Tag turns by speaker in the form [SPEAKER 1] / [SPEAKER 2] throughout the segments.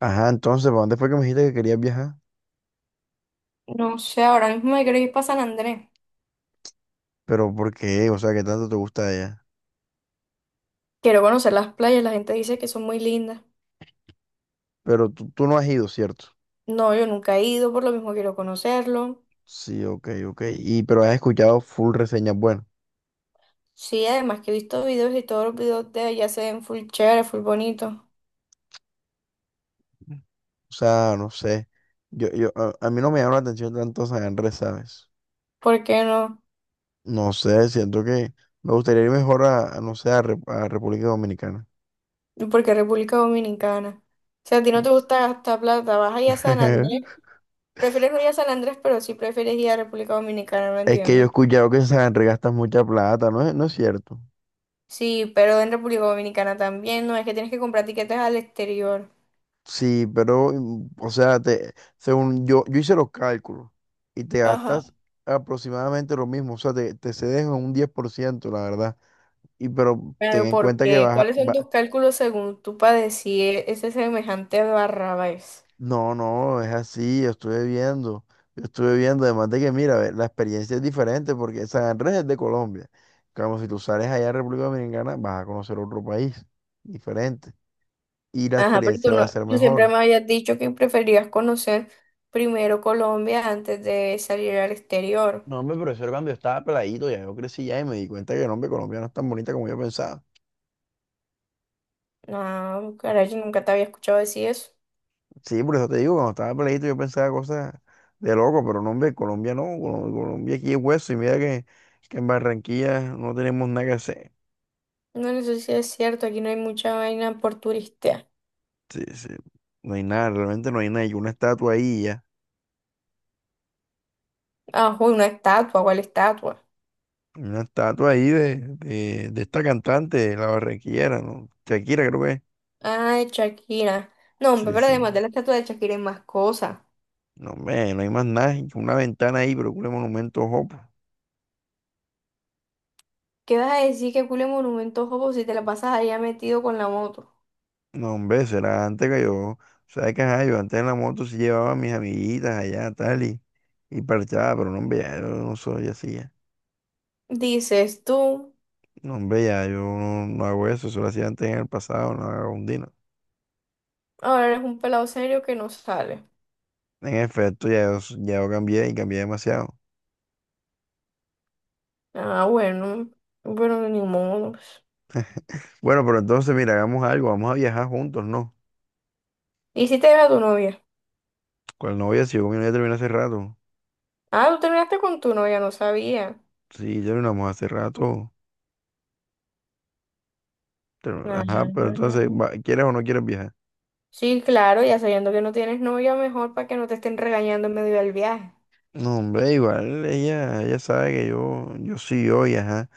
[SPEAKER 1] Ajá, entonces, ¿para dónde fue que me dijiste que querías viajar?
[SPEAKER 2] No sé, ahora mismo me quiero ir para San Andrés.
[SPEAKER 1] Pero ¿por qué? O sea, ¿qué tanto te gusta de ella?
[SPEAKER 2] Quiero conocer las playas, la gente dice que son muy lindas.
[SPEAKER 1] Pero tú no has ido, ¿cierto?
[SPEAKER 2] No, yo nunca he ido, por lo mismo quiero conocerlo.
[SPEAKER 1] Sí, ok, ok. Y pero has escuchado full reseñas buenas.
[SPEAKER 2] Sí, además que he visto videos y todos los videos de allá se ven full chévere, full bonito.
[SPEAKER 1] O sea, no sé. A mí no me llama la atención tanto San Andrés, ¿sabes?
[SPEAKER 2] ¿Por qué no?
[SPEAKER 1] No sé, siento que me gustaría ir mejor no sé, a, a República Dominicana.
[SPEAKER 2] Porque República Dominicana. Si a ti no te gusta gastar plata, vas allá a San Andrés. Prefieres no ir a San Andrés, pero sí prefieres ir a República Dominicana, no
[SPEAKER 1] Es que yo he
[SPEAKER 2] entiendo.
[SPEAKER 1] escuchado que en San Andrés gastas mucha plata, ¿no es cierto?
[SPEAKER 2] Sí, pero en República Dominicana también, no es que tienes que comprar tiquetes al exterior.
[SPEAKER 1] Sí, pero, o sea, te, según yo, yo hice los cálculos y te
[SPEAKER 2] Ajá.
[SPEAKER 1] gastas aproximadamente lo mismo, o sea, te cedes en un 10%, la verdad. Y pero ten
[SPEAKER 2] Pero
[SPEAKER 1] en
[SPEAKER 2] ¿por
[SPEAKER 1] cuenta que
[SPEAKER 2] qué?
[SPEAKER 1] vas,
[SPEAKER 2] ¿Cuáles son tus cálculos según tú padecí decir ese semejante Barrabás?
[SPEAKER 1] no, no, es así, yo estuve viendo, además de que, mira, ve, la experiencia es diferente porque San Andrés es de Colombia. Como si tú sales allá a República Dominicana, vas a conocer otro país diferente y la
[SPEAKER 2] Ajá, pero tú
[SPEAKER 1] experiencia va a
[SPEAKER 2] no,
[SPEAKER 1] ser
[SPEAKER 2] tú siempre
[SPEAKER 1] mejor.
[SPEAKER 2] me habías dicho que preferías conocer primero Colombia antes de salir al exterior.
[SPEAKER 1] No, hombre, pero eso era cuando yo estaba peladito, ya yo crecí ya y me di cuenta que, no, hombre, Colombia no es tan bonita como yo pensaba.
[SPEAKER 2] No, caray, yo nunca te había escuchado decir eso.
[SPEAKER 1] Sí, por eso te digo, cuando estaba peladito yo pensaba cosas de loco, pero no, hombre, Colombia no, Colombia aquí es hueso y mira que en Barranquilla no tenemos nada que hacer.
[SPEAKER 2] No, no sé si es cierto, aquí no hay mucha vaina por turista.
[SPEAKER 1] Sí, sí, no hay nada, realmente no hay nada, hay una estatua ahí y ya,
[SPEAKER 2] Ah, uy, una estatua, ¿cuál estatua?
[SPEAKER 1] una estatua ahí de esta cantante, la barranquillera, ¿no? Shakira creo que es.
[SPEAKER 2] Ah, de Shakira. No, hombre,
[SPEAKER 1] Sí,
[SPEAKER 2] pero
[SPEAKER 1] sí.
[SPEAKER 2] además de la estatua de Shakira hay más cosas.
[SPEAKER 1] No, hombre, no hay más nada, una ventana ahí, pero un monumento, ojo, pues.
[SPEAKER 2] ¿Qué vas a decir que cule monumentos, jopo, si te la pasas allá metido con la moto?
[SPEAKER 1] No, hombre, será antes que yo. Sabes que ajá, yo antes en la moto sí llevaba a mis amiguitas allá, tal, y parchaba, pero no, hombre, ya yo no soy así ya.
[SPEAKER 2] Dices tú,
[SPEAKER 1] No, hombre, ya yo no hago eso, eso lo hacía antes en el pasado, no hago un dino.
[SPEAKER 2] ahora eres un pelado serio que no sale.
[SPEAKER 1] En efecto, ya yo, ya yo cambié y cambié demasiado.
[SPEAKER 2] Ah, bueno, bueno, ni modo.
[SPEAKER 1] Bueno, pero entonces, mira, hagamos algo, vamos a viajar juntos, ¿no?
[SPEAKER 2] ¿Y si te era tu novia?
[SPEAKER 1] Con la novia, si yo con mi novia terminé hace rato.
[SPEAKER 2] Ah, tú terminaste con tu novia, no sabía.
[SPEAKER 1] Sí, terminamos hace rato.
[SPEAKER 2] Ah,
[SPEAKER 1] Ajá, pero entonces, ¿quieres o no quieres viajar?
[SPEAKER 2] sí, claro, ya sabiendo que no tienes novia, mejor para que no te estén regañando en medio del viaje.
[SPEAKER 1] No, hombre, igual ella, ella sabe que yo sí, hoy, ajá.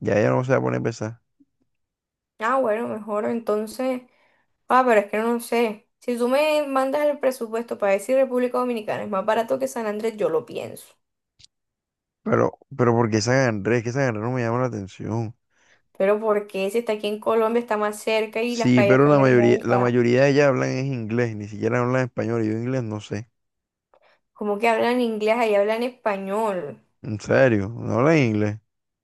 [SPEAKER 1] Ya no se va a poner a pesar.
[SPEAKER 2] Ah, bueno, mejor entonces. Ah, pero es que no sé. Si tú me mandas el presupuesto para decir República Dominicana es más barato que San Andrés, yo lo pienso.
[SPEAKER 1] Pero ¿por qué San Andrés? Que San Andrés no me llama la atención.
[SPEAKER 2] Pero ¿por qué? Si está aquí en Colombia, está más cerca y las
[SPEAKER 1] Sí,
[SPEAKER 2] playas
[SPEAKER 1] pero
[SPEAKER 2] son
[SPEAKER 1] la
[SPEAKER 2] hermosas.
[SPEAKER 1] mayoría de ellas hablan es inglés, ni siquiera hablan español. Y yo inglés no sé.
[SPEAKER 2] Como que hablan inglés, ahí hablan español.
[SPEAKER 1] En serio, no hablan inglés.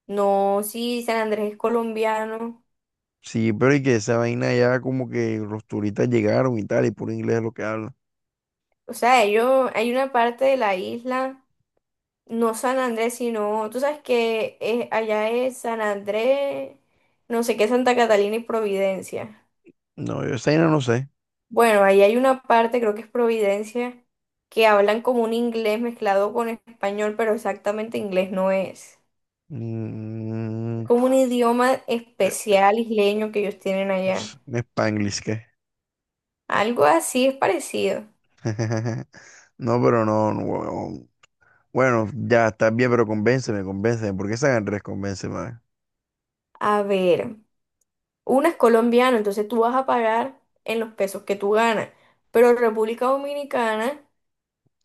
[SPEAKER 2] No, sí, San Andrés es colombiano.
[SPEAKER 1] Sí, pero y que esa vaina ya como que los turistas llegaron y tal, y puro inglés es lo que hablan.
[SPEAKER 2] O sea, ellos, hay una parte de la isla, no San Andrés, sino, tú sabes que allá es San Andrés, no sé qué, Santa Catalina y Providencia.
[SPEAKER 1] No, yo esa vaina no sé.
[SPEAKER 2] Bueno, ahí hay una parte, creo que es Providencia, que hablan como un inglés mezclado con español, pero exactamente inglés no es. Es
[SPEAKER 1] Mm,
[SPEAKER 2] como un idioma
[SPEAKER 1] eh,
[SPEAKER 2] especial isleño que ellos tienen allá.
[SPEAKER 1] Spanglish, ¿qué?
[SPEAKER 2] Algo así es parecido.
[SPEAKER 1] No, pero no, no, huevón. Bueno, ya está bien, pero convénceme, convénceme. ¿Por qué San Andrés? Convénceme.
[SPEAKER 2] A ver. Una es colombiana, entonces tú vas a pagar en los pesos que tú ganas. Pero República Dominicana,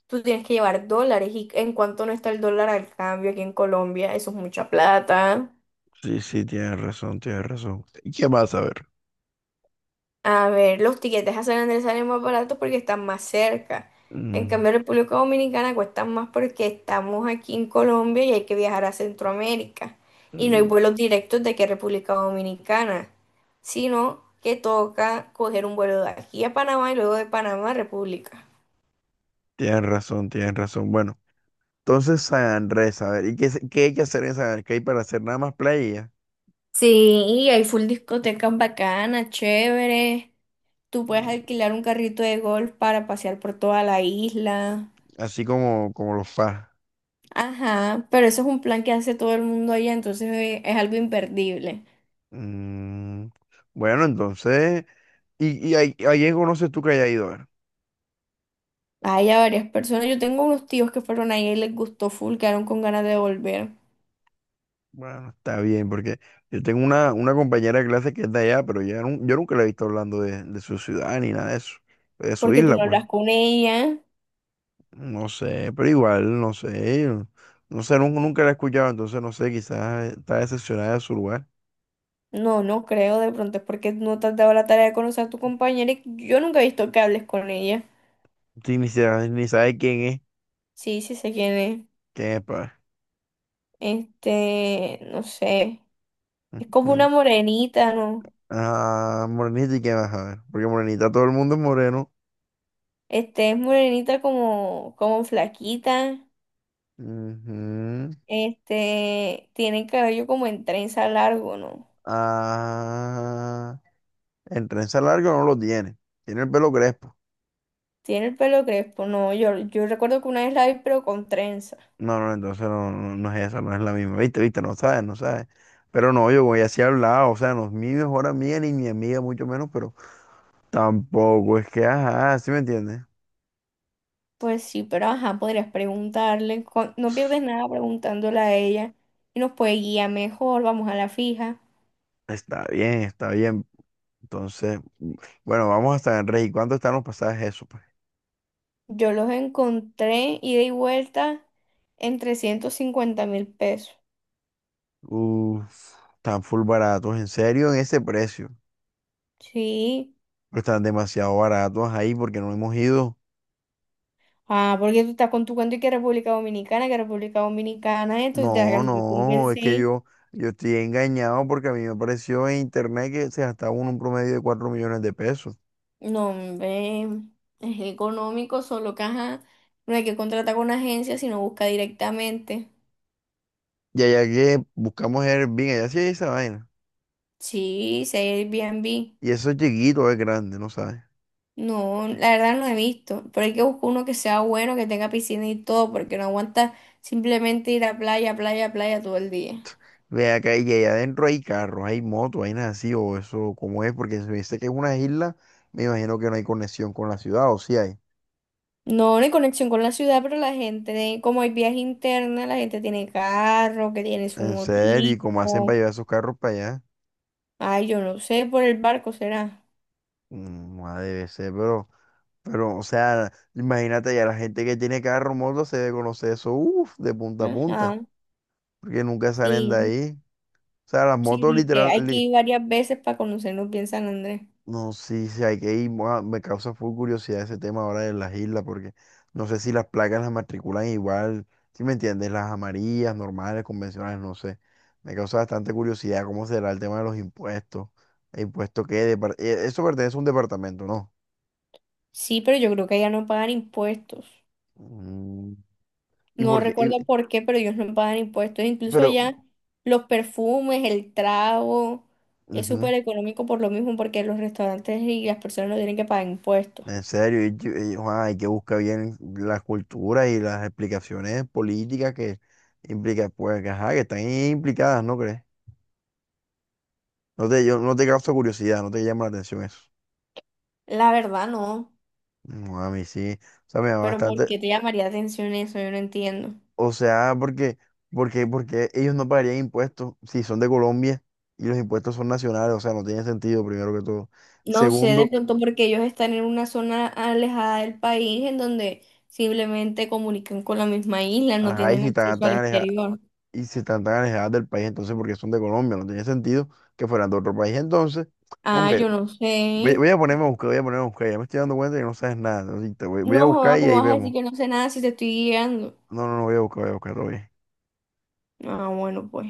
[SPEAKER 2] tú tienes que llevar dólares. ¿Y en cuánto no está el dólar al cambio aquí en Colombia? Eso es mucha plata.
[SPEAKER 1] Sí, sí, tienes razón, tienes razón. ¿Y qué más a ver?
[SPEAKER 2] A ver, los tiquetes a San Andrés salen más baratos porque están más cerca. En
[SPEAKER 1] Mm,
[SPEAKER 2] cambio, República Dominicana cuestan más porque estamos aquí en Colombia y hay que viajar a Centroamérica. Y no hay
[SPEAKER 1] mm,
[SPEAKER 2] vuelos directos de que República Dominicana, sino que toca coger un vuelo de aquí a Panamá y luego de Panamá a República.
[SPEAKER 1] tienes razón, tienes razón. Bueno, entonces San Andrés, a ver, ¿y qué, qué hay que hacer en San Andrés? ¿Qué hay para hacer nada más playa?
[SPEAKER 2] Sí, y hay full discotecas bacanas, chévere. Tú puedes
[SPEAKER 1] Mm,
[SPEAKER 2] alquilar un carrito de golf para pasear por toda la isla.
[SPEAKER 1] así como los FAS.
[SPEAKER 2] Ajá, pero eso es un plan que hace todo el mundo allá, entonces es algo imperdible.
[SPEAKER 1] Mm, bueno, entonces, ¿y ahí, ahí en conoces tú que haya ido? A ver.
[SPEAKER 2] Hay a varias personas, yo tengo unos tíos que fueron ahí y les gustó full, quedaron con ganas de volver.
[SPEAKER 1] Bueno, está bien, porque yo tengo una compañera de clase que es de allá, pero ya yo nunca la he visto hablando de su ciudad ni nada de eso, de su
[SPEAKER 2] Porque tú
[SPEAKER 1] isla,
[SPEAKER 2] no
[SPEAKER 1] pues.
[SPEAKER 2] hablas con ella.
[SPEAKER 1] No sé, pero igual, no sé. No sé, nunca, la he escuchado, entonces no sé, quizás está decepcionada de su lugar.
[SPEAKER 2] No, no creo, de pronto es porque no te has dado la tarea de conocer a tu compañera y yo nunca he visto que hables con ella.
[SPEAKER 1] Sí, ni, ni sabe
[SPEAKER 2] Sí, sí sé quién es.
[SPEAKER 1] quién es, pa.
[SPEAKER 2] Este, no sé. Es como una
[SPEAKER 1] Ujú.
[SPEAKER 2] morenita, ¿no?
[SPEAKER 1] Ah, Morenita y quién vas a ver. Porque Morenita todo el mundo es moreno.
[SPEAKER 2] Este, es morenita como, como flaquita.
[SPEAKER 1] Ujú.
[SPEAKER 2] Este, tiene el cabello como en trenza largo, ¿no?
[SPEAKER 1] Ah, en trenza larga no lo tiene. Tiene el pelo crespo.
[SPEAKER 2] Tiene el pelo crespo, no, yo recuerdo que una vez la vi, pero con trenza.
[SPEAKER 1] No, entonces no es esa, no es la misma. Viste, viste, no sabes, no sabes. Pero no, yo voy así hablado, o sea, no es mi mejor amiga ni mi amiga, mucho menos, pero. Tampoco es que, ajá, ¿sí me entiendes?
[SPEAKER 2] Pues sí, pero ajá, podrías preguntarle, no pierdes nada preguntándole a ella y nos puede guiar mejor, vamos a la fija.
[SPEAKER 1] Está bien, está bien. Entonces, bueno, vamos hasta el Rey. ¿Cuánto están los pasajes eso, pues?
[SPEAKER 2] Yo los encontré ida y vuelta en 350.000 pesos.
[SPEAKER 1] Uf, están full baratos, en serio, en ese precio.
[SPEAKER 2] Sí.
[SPEAKER 1] Pero están demasiado baratos ahí porque no hemos ido.
[SPEAKER 2] Ah, porque tú estás con tu cuento y que República Dominicana, entonces te la
[SPEAKER 1] No, no, es que
[SPEAKER 2] convencí.
[SPEAKER 1] yo estoy engañado porque a mí me apareció en internet que se gastaba uno un promedio de 4 millones de pesos.
[SPEAKER 2] No, hombre, es económico, solo que ajá, no hay que contratar con una agencia, sino busca directamente.
[SPEAKER 1] Y allá que buscamos Airbnb, allá sí hay esa vaina.
[SPEAKER 2] Sí, si hay Airbnb.
[SPEAKER 1] Y eso es chiquito, es grande, ¿no sabes?
[SPEAKER 2] No, la verdad no he visto, pero hay que buscar uno que sea bueno, que tenga piscina y todo, porque no aguanta simplemente ir a playa, playa, playa todo el día.
[SPEAKER 1] Ve acá y allá adentro hay carros, hay motos, hay nada así, o eso, ¿cómo es? Porque si me dice que es una isla, me imagino que no hay conexión con la ciudad, o si hay.
[SPEAKER 2] No, no hay conexión con la ciudad, pero la gente, como hay viaje interna, la gente tiene carro, que tiene su
[SPEAKER 1] En serio, ¿y cómo hacen
[SPEAKER 2] motico.
[SPEAKER 1] para llevar esos carros para allá?
[SPEAKER 2] Ay, yo no sé, por el barco será.
[SPEAKER 1] Mm, ah, debe ser, o sea, imagínate ya la gente que tiene carro, moto, se debe conocer eso, uff, de punta a punta,
[SPEAKER 2] Ajá,
[SPEAKER 1] porque nunca salen de
[SPEAKER 2] sí.
[SPEAKER 1] ahí. O sea, las
[SPEAKER 2] Sí,
[SPEAKER 1] motos
[SPEAKER 2] viste,
[SPEAKER 1] literal,
[SPEAKER 2] hay que ir varias veces para conocernos bien San Andrés.
[SPEAKER 1] No, sí, sí, hay que ir. Mua, me causa full curiosidad ese tema ahora de las islas, porque no sé si las placas las matriculan igual, ¿si me entiendes? Las amarillas, normales, convencionales, no sé. Me causa bastante curiosidad cómo será el tema de los impuestos. ¿El impuesto qué? Eso pertenece a un departamento, ¿no?
[SPEAKER 2] Sí, pero yo creo que allá no pagan impuestos.
[SPEAKER 1] Mm, ¿y
[SPEAKER 2] No
[SPEAKER 1] por qué?
[SPEAKER 2] recuerdo
[SPEAKER 1] Y-
[SPEAKER 2] por qué, pero ellos no pagan impuestos. Incluso
[SPEAKER 1] pero,
[SPEAKER 2] allá los perfumes, el trago, es
[SPEAKER 1] ujú,
[SPEAKER 2] súper económico por lo mismo, porque los restaurantes y las personas no tienen que pagar impuestos.
[SPEAKER 1] en serio, y- ah, hay que buscar bien las culturas y las explicaciones políticas que implica, pues, que, ajá, que están implicadas, ¿no crees? No te, yo, no te causa curiosidad, no te llama la atención eso.
[SPEAKER 2] La verdad no,
[SPEAKER 1] No, a mí sí. O sea, me llama
[SPEAKER 2] pero ¿por
[SPEAKER 1] bastante.
[SPEAKER 2] qué te llamaría atención eso? Yo no entiendo.
[SPEAKER 1] O sea, porque ellos no pagarían impuestos si son de Colombia y los impuestos son nacionales. O sea, no tiene sentido, primero que todo.
[SPEAKER 2] No sé, de
[SPEAKER 1] Segundo,
[SPEAKER 2] pronto porque ellos están en una zona alejada del país en donde simplemente comunican con la misma isla, no
[SPEAKER 1] ajá, y
[SPEAKER 2] tienen
[SPEAKER 1] si están
[SPEAKER 2] acceso
[SPEAKER 1] tan
[SPEAKER 2] al
[SPEAKER 1] alejadas,
[SPEAKER 2] exterior.
[SPEAKER 1] y si están tan alejadas del país, entonces porque son de Colombia, no tiene sentido que fueran de otro país. Entonces,
[SPEAKER 2] Ah,
[SPEAKER 1] hombre,
[SPEAKER 2] yo no sé.
[SPEAKER 1] voy a ponerme a buscar, voy a ponerme a buscar. Ya me estoy dando cuenta que no sabes nada. Así que te voy a
[SPEAKER 2] No, joda,
[SPEAKER 1] buscar y
[SPEAKER 2] ¿cómo
[SPEAKER 1] ahí
[SPEAKER 2] vas a decir
[SPEAKER 1] vemos.
[SPEAKER 2] que no sé nada si te estoy guiando?
[SPEAKER 1] No, no, no, voy a buscar, oye.
[SPEAKER 2] Ah, bueno, pues.